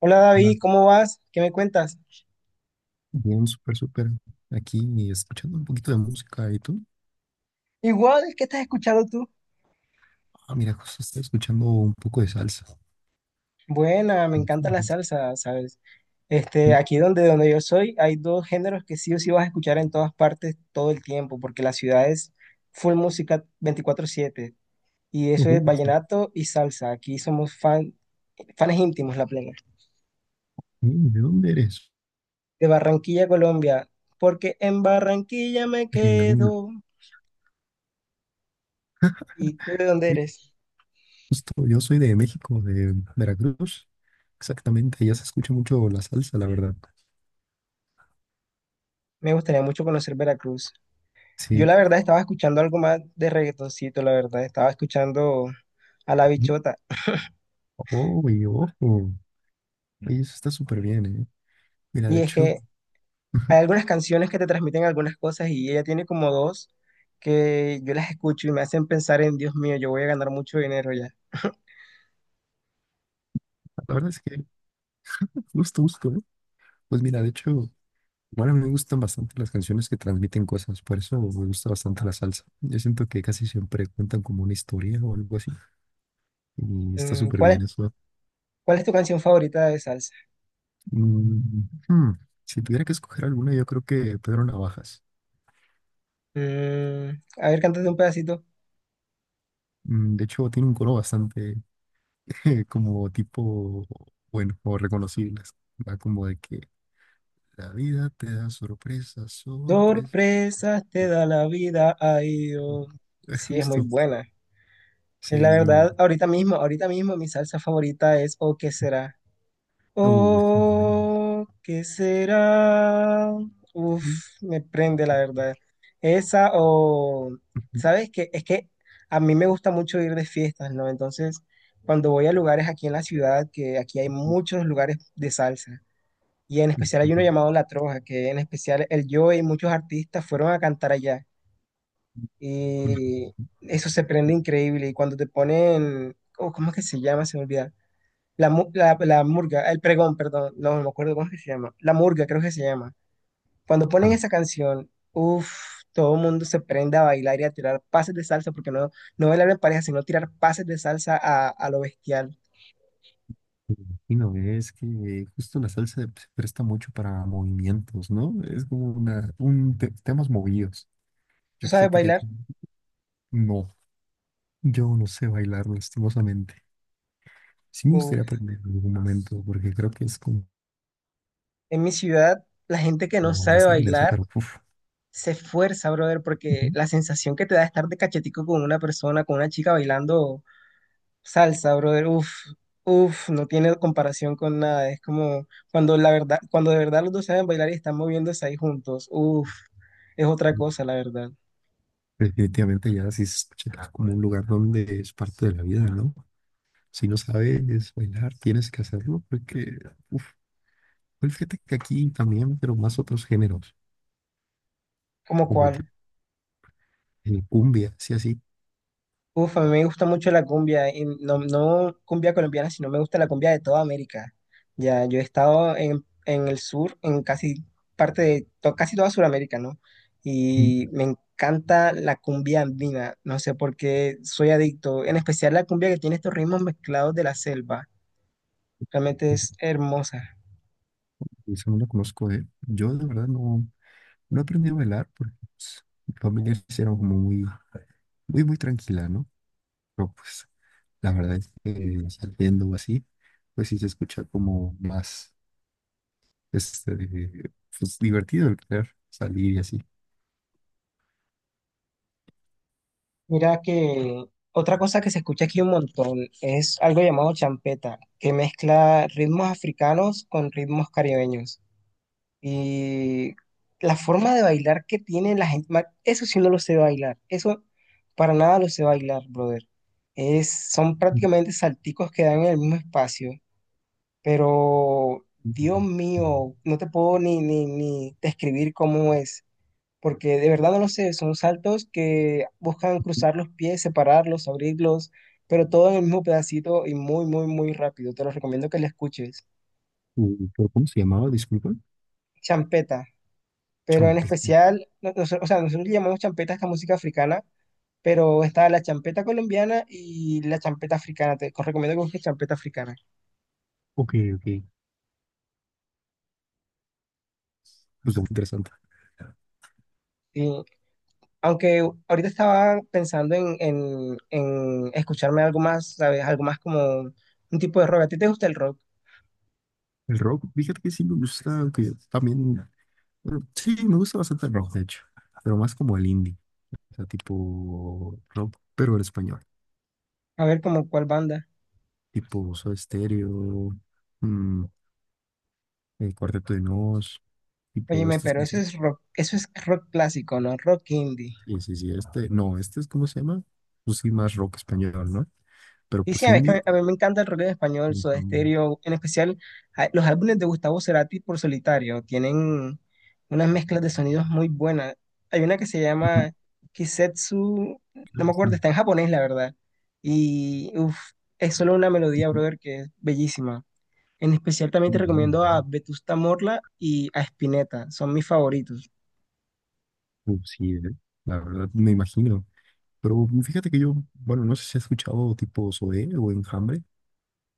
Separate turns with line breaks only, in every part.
Hola
Hola.
David, ¿cómo vas? ¿Qué me cuentas?
Bien, súper, súper. Aquí escuchando un poquito de música. ¿Y tú?
Igual, ¿qué estás escuchando tú?
Ah, mira, justo estoy escuchando un poco de salsa.
Buena, me
Me gusta
encanta
la
la
salsa.
salsa, ¿sabes? Este,
Mm,
aquí donde yo soy hay dos géneros que sí o sí vas a escuchar en todas partes todo el tiempo, porque la ciudad es full música 24/7 y eso es
ujú, sí.
vallenato y salsa. Aquí somos fan, fans íntimos, la plena.
¿De dónde eres?
De Barranquilla, Colombia, porque en Barranquilla me
De que en algún lugar.
quedo. ¿Y tú de dónde
Oye,
eres?
justo, yo soy de México, de Veracruz. Exactamente, allá se escucha mucho la salsa, la verdad.
Me gustaría mucho conocer Veracruz. Yo
Sí.
la verdad estaba escuchando algo más de reggaetoncito, la verdad, estaba escuchando a La
Mm,
Bichota.
Oh, y ojo. Oye, eso está súper bien, ¿eh? Mira,
Y
de
es
hecho,
que hay algunas canciones que te transmiten algunas cosas y ella tiene como dos que yo las escucho y me hacen pensar en, Dios mío, yo voy a ganar mucho dinero ya.
la verdad es que justo, justo, ¿eh? Pues mira, de hecho. Bueno, me gustan bastante las canciones que transmiten cosas, por eso me gusta bastante la salsa. Yo siento que casi siempre cuentan como una historia o algo así, y está
Mm,
súper
¿cuál es,
bien eso.
cuál es tu canción favorita de salsa?
Mm, hmm, Si tuviera que escoger alguna, yo creo que Pedro Navajas.
Mm, a ver, cántate un pedacito.
De hecho, tiene un coro bastante como tipo, bueno, o reconocible. Va como de que la vida te da sorpresas, sorpresas.
Sorpresas te da la vida, ay Dios. Sí, es muy
Justo.
buena.
Sí,
Es la
muy,
verdad, ahorita mismo mi salsa favorita es ¿o qué será?
es muy buena.
Oh, ¿qué será? Uf, me prende la verdad. Esa o, ¿sabes qué? Es que a mí me gusta mucho ir de fiestas, ¿no? Entonces, cuando voy a lugares aquí en la ciudad, que aquí hay muchos lugares de salsa, y en especial hay uno llamado La Troja, que en especial el yo y muchos artistas fueron a cantar allá. Y eso se prende increíble. Y cuando te ponen, oh, ¿cómo es que se llama? Se me olvida la murga, el pregón, perdón, no me acuerdo cómo es que se llama. La murga, creo que se llama. Cuando ponen
Ah,
esa canción, uff, todo el mundo se prende a bailar y a tirar pases de salsa, porque no, no bailar en pareja, sino tirar pases de salsa a lo bestial.
me imagino, es que justo la salsa se presta mucho para movimientos, ¿no? Es como temas movidos.
¿Tú
Yo
sabes
fíjate que
bailar?
no, yo no sé bailar lastimosamente. Sí me gustaría
Uf.
aprender en algún momento porque creo que es como
En mi ciudad, la gente que no sabe
bastante interesante,
bailar
pero uf,
se esfuerza, brother, porque
ujú,
la sensación que te da estar de cachetico con una persona, con una chica bailando, salsa, brother, uff, uff, no tiene comparación con nada. Es como cuando la verdad, cuando de verdad los dos saben bailar y están moviéndose ahí juntos, uff, es otra cosa, la verdad.
definitivamente ya sí se escucha como un lugar donde es parte de la vida, ¿no? Si no sabes bailar, tienes que hacerlo porque, uf, pues fíjate que aquí también, pero más otros géneros,
¿Cómo
como tipo,
cuál?
cumbia, sí, así.
Uff, a mí me gusta mucho la cumbia, y no, no cumbia colombiana, sino me gusta la cumbia de toda América. Ya, yo he estado en el sur, en casi parte de to- casi toda Sudamérica, ¿no?
Mm,
Y me encanta la cumbia andina, no sé por qué soy adicto, en especial la cumbia que tiene estos ritmos mezclados de la selva. Realmente
mm,
es hermosa.
Esa no la conozco de... Yo de verdad no, no aprendí a bailar porque pues, mi familia sí era como muy, muy, muy tranquila, ¿no? Pero pues la verdad es que saliendo o así, pues sí se escucha como más este, pues, divertido el querer salir y así.
Mira que otra cosa que se escucha aquí un montón es algo llamado champeta, que mezcla ritmos africanos con ritmos caribeños. Y la forma de bailar que tiene la gente, ma- eso sí no lo sé bailar, eso para nada lo sé bailar, brother. Es, son
Mm,
prácticamente salticos que dan en el mismo espacio, pero
mm,
Dios
mm.
mío, no te puedo ni describir cómo es. Porque de verdad no lo sé, son saltos que buscan cruzar los pies, separarlos, abrirlos, pero todo en el mismo pedacito y muy, muy, muy rápido. Te lo recomiendo que la escuches.
¿Pero cómo se llamaba? Disculpa.
Champeta, pero en
Champe.
especial, no- nos- o sea, nosotros le llamamos champeta a esta música africana, pero está la champeta colombiana y la champeta africana. Te os recomiendo que busques champeta africana.
Ok, ok. Pues muy interesante.
Y aunque ahorita estaba pensando en escucharme algo más, ¿sabes? Algo más como un tipo de rock. ¿A ti te gusta el rock?
El rock, fíjate que sí me gusta, aunque también, bueno, sí, me gusta bastante el rock, de hecho, pero más como el indie, o sea, tipo rock, pero en español,
A ver, como cuál banda.
tipo Soda Stereo, mm, el Cuarteto de Nos, tipo
Óyeme,
estas
pero
canciones.
eso es rock clásico, ¿no? Rock indie.
Sí, sí, sí, este, no, este es, ¿cómo se llama? Pues sí, más rock español, ¿no? Pero
Y sí,
pues
es que a
indie.
mí, a mí me encanta el rock en español, Soda
Ujú,
Stereo, en especial a- los álbumes de Gustavo Cerati por solitario. Tienen unas mezclas de sonidos muy buenas. Hay una que se
ujú,
llama Kisetsu, no me acuerdo,
sí,
está en japonés, la verdad. Y uf, es solo una melodía,
ujú,
brother, que es bellísima. En especial también te
muy bueno,
recomiendo a Vetusta Morla y a Spinetta, son mis favoritos.
¿no? Pues sí, ¿eh? La verdad, me imagino. Pero fíjate que yo, bueno, no sé si has escuchado tipo Zoé o Enjambre.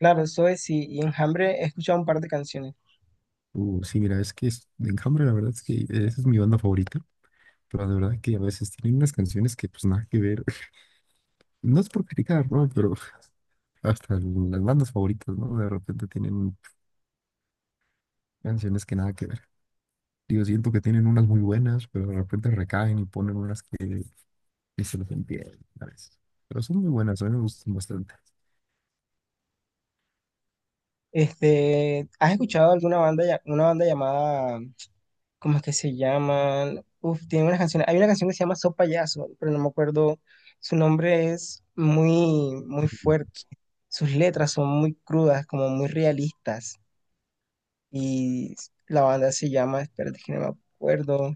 Claro, eso es, y Enjambre he escuchado un par de canciones.
Sí, mira, es que Enjambre, la verdad es que esa es mi banda favorita, pero la verdad que a veces tienen unas canciones que pues nada que ver. No es por criticar, ¿no? Pero hasta las bandas favoritas, ¿no? De repente tienen canciones que nada que ver. Digo, siento que tienen unas muy buenas, pero de repente recaen y ponen unas que se los entienden a veces. Pero son muy buenas, a mí me gustan bastante.
Este, ¿has escuchado alguna banda, ya- una banda llamada, ¿cómo es que se llaman? Uf, tiene unas canciones. Hay una canción que se llama So Payaso, pero no me acuerdo. Su nombre es muy, muy fuerte. Sus letras son muy crudas, como muy realistas. Y la banda se llama, espérate que no me acuerdo.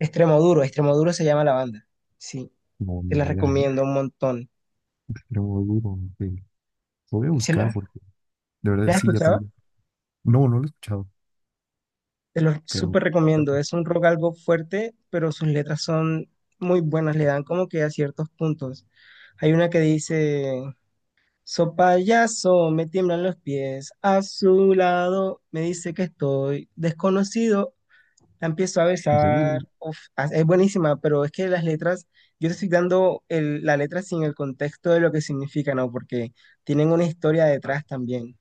Extremo Duro, Extremo Duro se llama la banda. Sí,
No,
te
ni
la
idea, ¿eh?
recomiendo un montón.
Pero duro, ok. Lo voy a
¿Se
buscar
la,
porque de
la
verdad
has
sí, ya
escuchado?
también. No, no lo he escuchado,
Te lo
pero
súper recomiendo.
toca.
Es un rock algo fuerte, pero sus letras son muy buenas. Le dan como que a ciertos puntos. Hay una que dice, so payaso, me tiemblan los pies. A su lado me dice que estoy desconocido. La empiezo a
¿En serio, bro?
besar. Uf, ah, es buenísima, pero es que las letras, yo te estoy dando el- la letra sin el contexto de lo que significan, ¿no? Porque tienen una historia detrás también.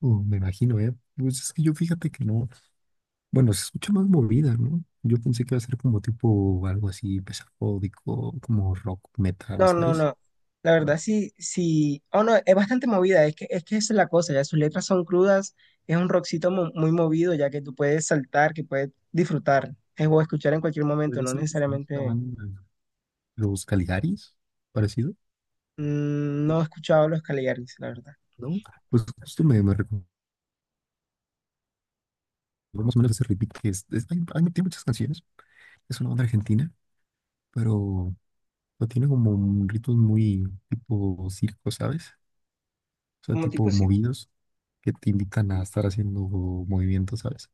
Me imagino, ¿eh? Pues es que yo fíjate que no. Bueno, se escucha más movida, ¿no? Yo pensé que iba a ser como tipo algo así pesafódico, como rock metal,
No, no,
¿sabes?
no. La verdad, sí, sí. Oh, no, es bastante movida. Es que esa es la cosa. Ya sus letras son crudas. Es un rockcito mo- muy movido, ya que tú puedes saltar, que puedes disfrutar o escuchar en cualquier momento.
Podría
No
ser como esta
necesariamente.
banda, Los Caligaris, parecido,
Mm, no he escuchado a los Caligaris, la verdad.
¿no? Pues justo me recordó más o menos ese ritmo que tiene muchas canciones. Es una banda argentina, pero, pero tiene como un ritmos muy tipo circo, ¿sabes? O sea,
Como tipo,
tipo
sí.
movidos que te invitan a estar haciendo movimientos, ¿sabes?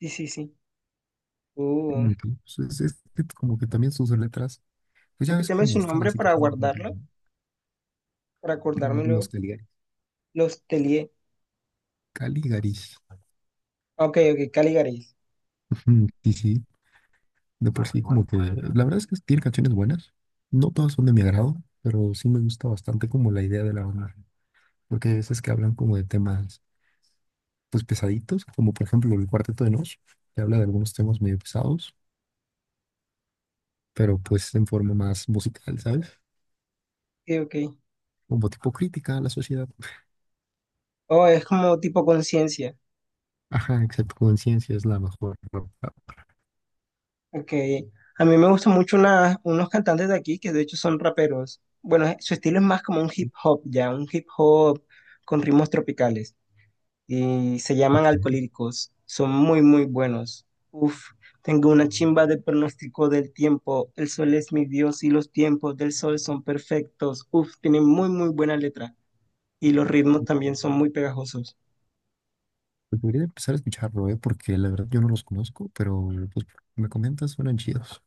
Sí, sí, sí. Uh,
Muy bien, pues, es que como que también sus letras, pues ya ves
repíteme
cómo
su
está la
nombre para
situación.
guardarlo, para
De Los
acordármelo.
Caligari.
Los Telie.
Caligaris.
Ok, ok, Caligaris.
Ujú. Sí, sí, de por sí como que, la verdad es que tiene canciones buenas. No todas son de mi agrado, pero sí me gusta bastante como la idea de la banda. Porque hay veces que hablan como de temas, pues pesaditos, como por ejemplo el Cuarteto de Nos, que habla de algunos temas medio pesados, pero pues en forma más musical, ¿sabes?
Ok, ok.
Como tipo crítica a la sociedad.
Oh, es como tipo conciencia.
Ajá, excepto conciencia es la mejor. ¿No?
Ok, a mí me gustan mucho una- unos cantantes de aquí que de hecho son raperos. Bueno, su estilo es más como un hip hop, ya, un hip hop con ritmos tropicales. Y se llaman
Ok.
Alcolíricos. Son muy, muy buenos. Uf, tengo una chimba de pronóstico del tiempo. El sol es mi Dios y los tiempos del sol son perfectos. Uf, tienen muy, muy buena letra. Y los ritmos también son muy pegajosos.
Pues debería de empezar a escucharlo, ¿eh? Porque la verdad yo no los conozco, pero pues me comentas, suenan chidos.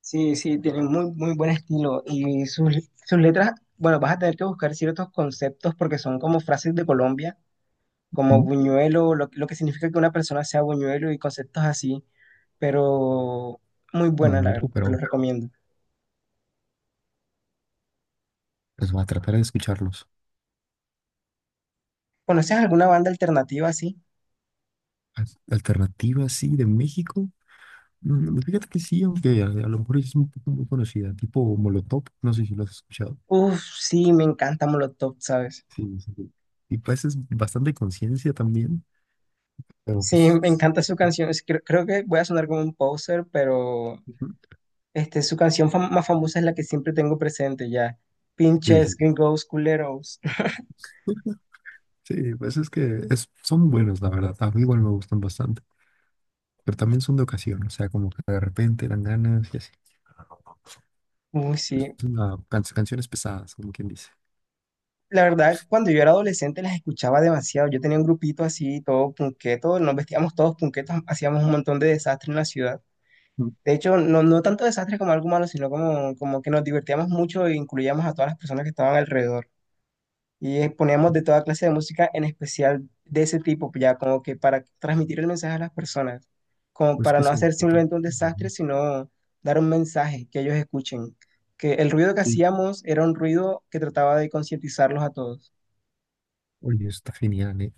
Sí, sí, tiene muy, muy buen estilo y sus, sus letras, bueno, vas a tener que buscar ciertos conceptos porque son como frases de Colombia, como
Mm,
buñuelo, lo que significa que una persona sea buñuelo y conceptos así, pero muy
Muy
buena, la
bueno,
verdad, te lo
pero
recomiendo.
pues va a tratar de escucharlos.
¿Conoces alguna banda alternativa así?
Alternativa, sí, de México. Fíjate que sí, aunque a lo mejor es un poco muy conocida, tipo Molotov, no sé si lo has escuchado.
Uf, sí, me encanta Molotov, ¿sabes?
Sí, sí, sí. Y pues es bastante conciencia también, pero
Sí,
pues...
me encanta su canción, es- creo que voy a sonar como un poser, pero
Ujú,
este, su canción fam- más famosa es la que siempre tengo presente ya,
sí,
Pinches
sí.
Gringos Culeros.
Sí, pues es que son buenos, la verdad. A mí igual me gustan bastante, pero también son de ocasión, o sea, como que de repente dan ganas y así.
Uy,
Es
sí.
canciones pesadas, como quien dice.
La verdad, cuando yo era adolescente las escuchaba demasiado. Yo tenía un grupito así, todo punqueto, nos vestíamos todos punquetos, hacíamos un montón de desastres en la ciudad.
Mm.
De hecho, no, no tanto desastres como algo malo, sino como que nos divertíamos mucho e incluíamos a todas las personas que estaban alrededor. Y poníamos de toda clase de música, en especial de ese tipo, ya como que para transmitir el mensaje a las personas, como
Pues
para
que
no
son.
hacer
Ujú.
simplemente un desastre, sino dar un mensaje que ellos escuchen. Que el ruido que
Sí.
hacíamos era un ruido que trataba de concientizarlos a todos.
Oye, eso está genial, ¿eh?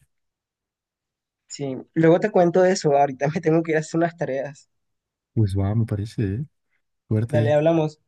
Sí, luego te cuento de eso, ahorita me tengo que ir a hacer unas tareas.
Pues va, me parece, ¿eh?
Dale,
Suerte.
hablamos.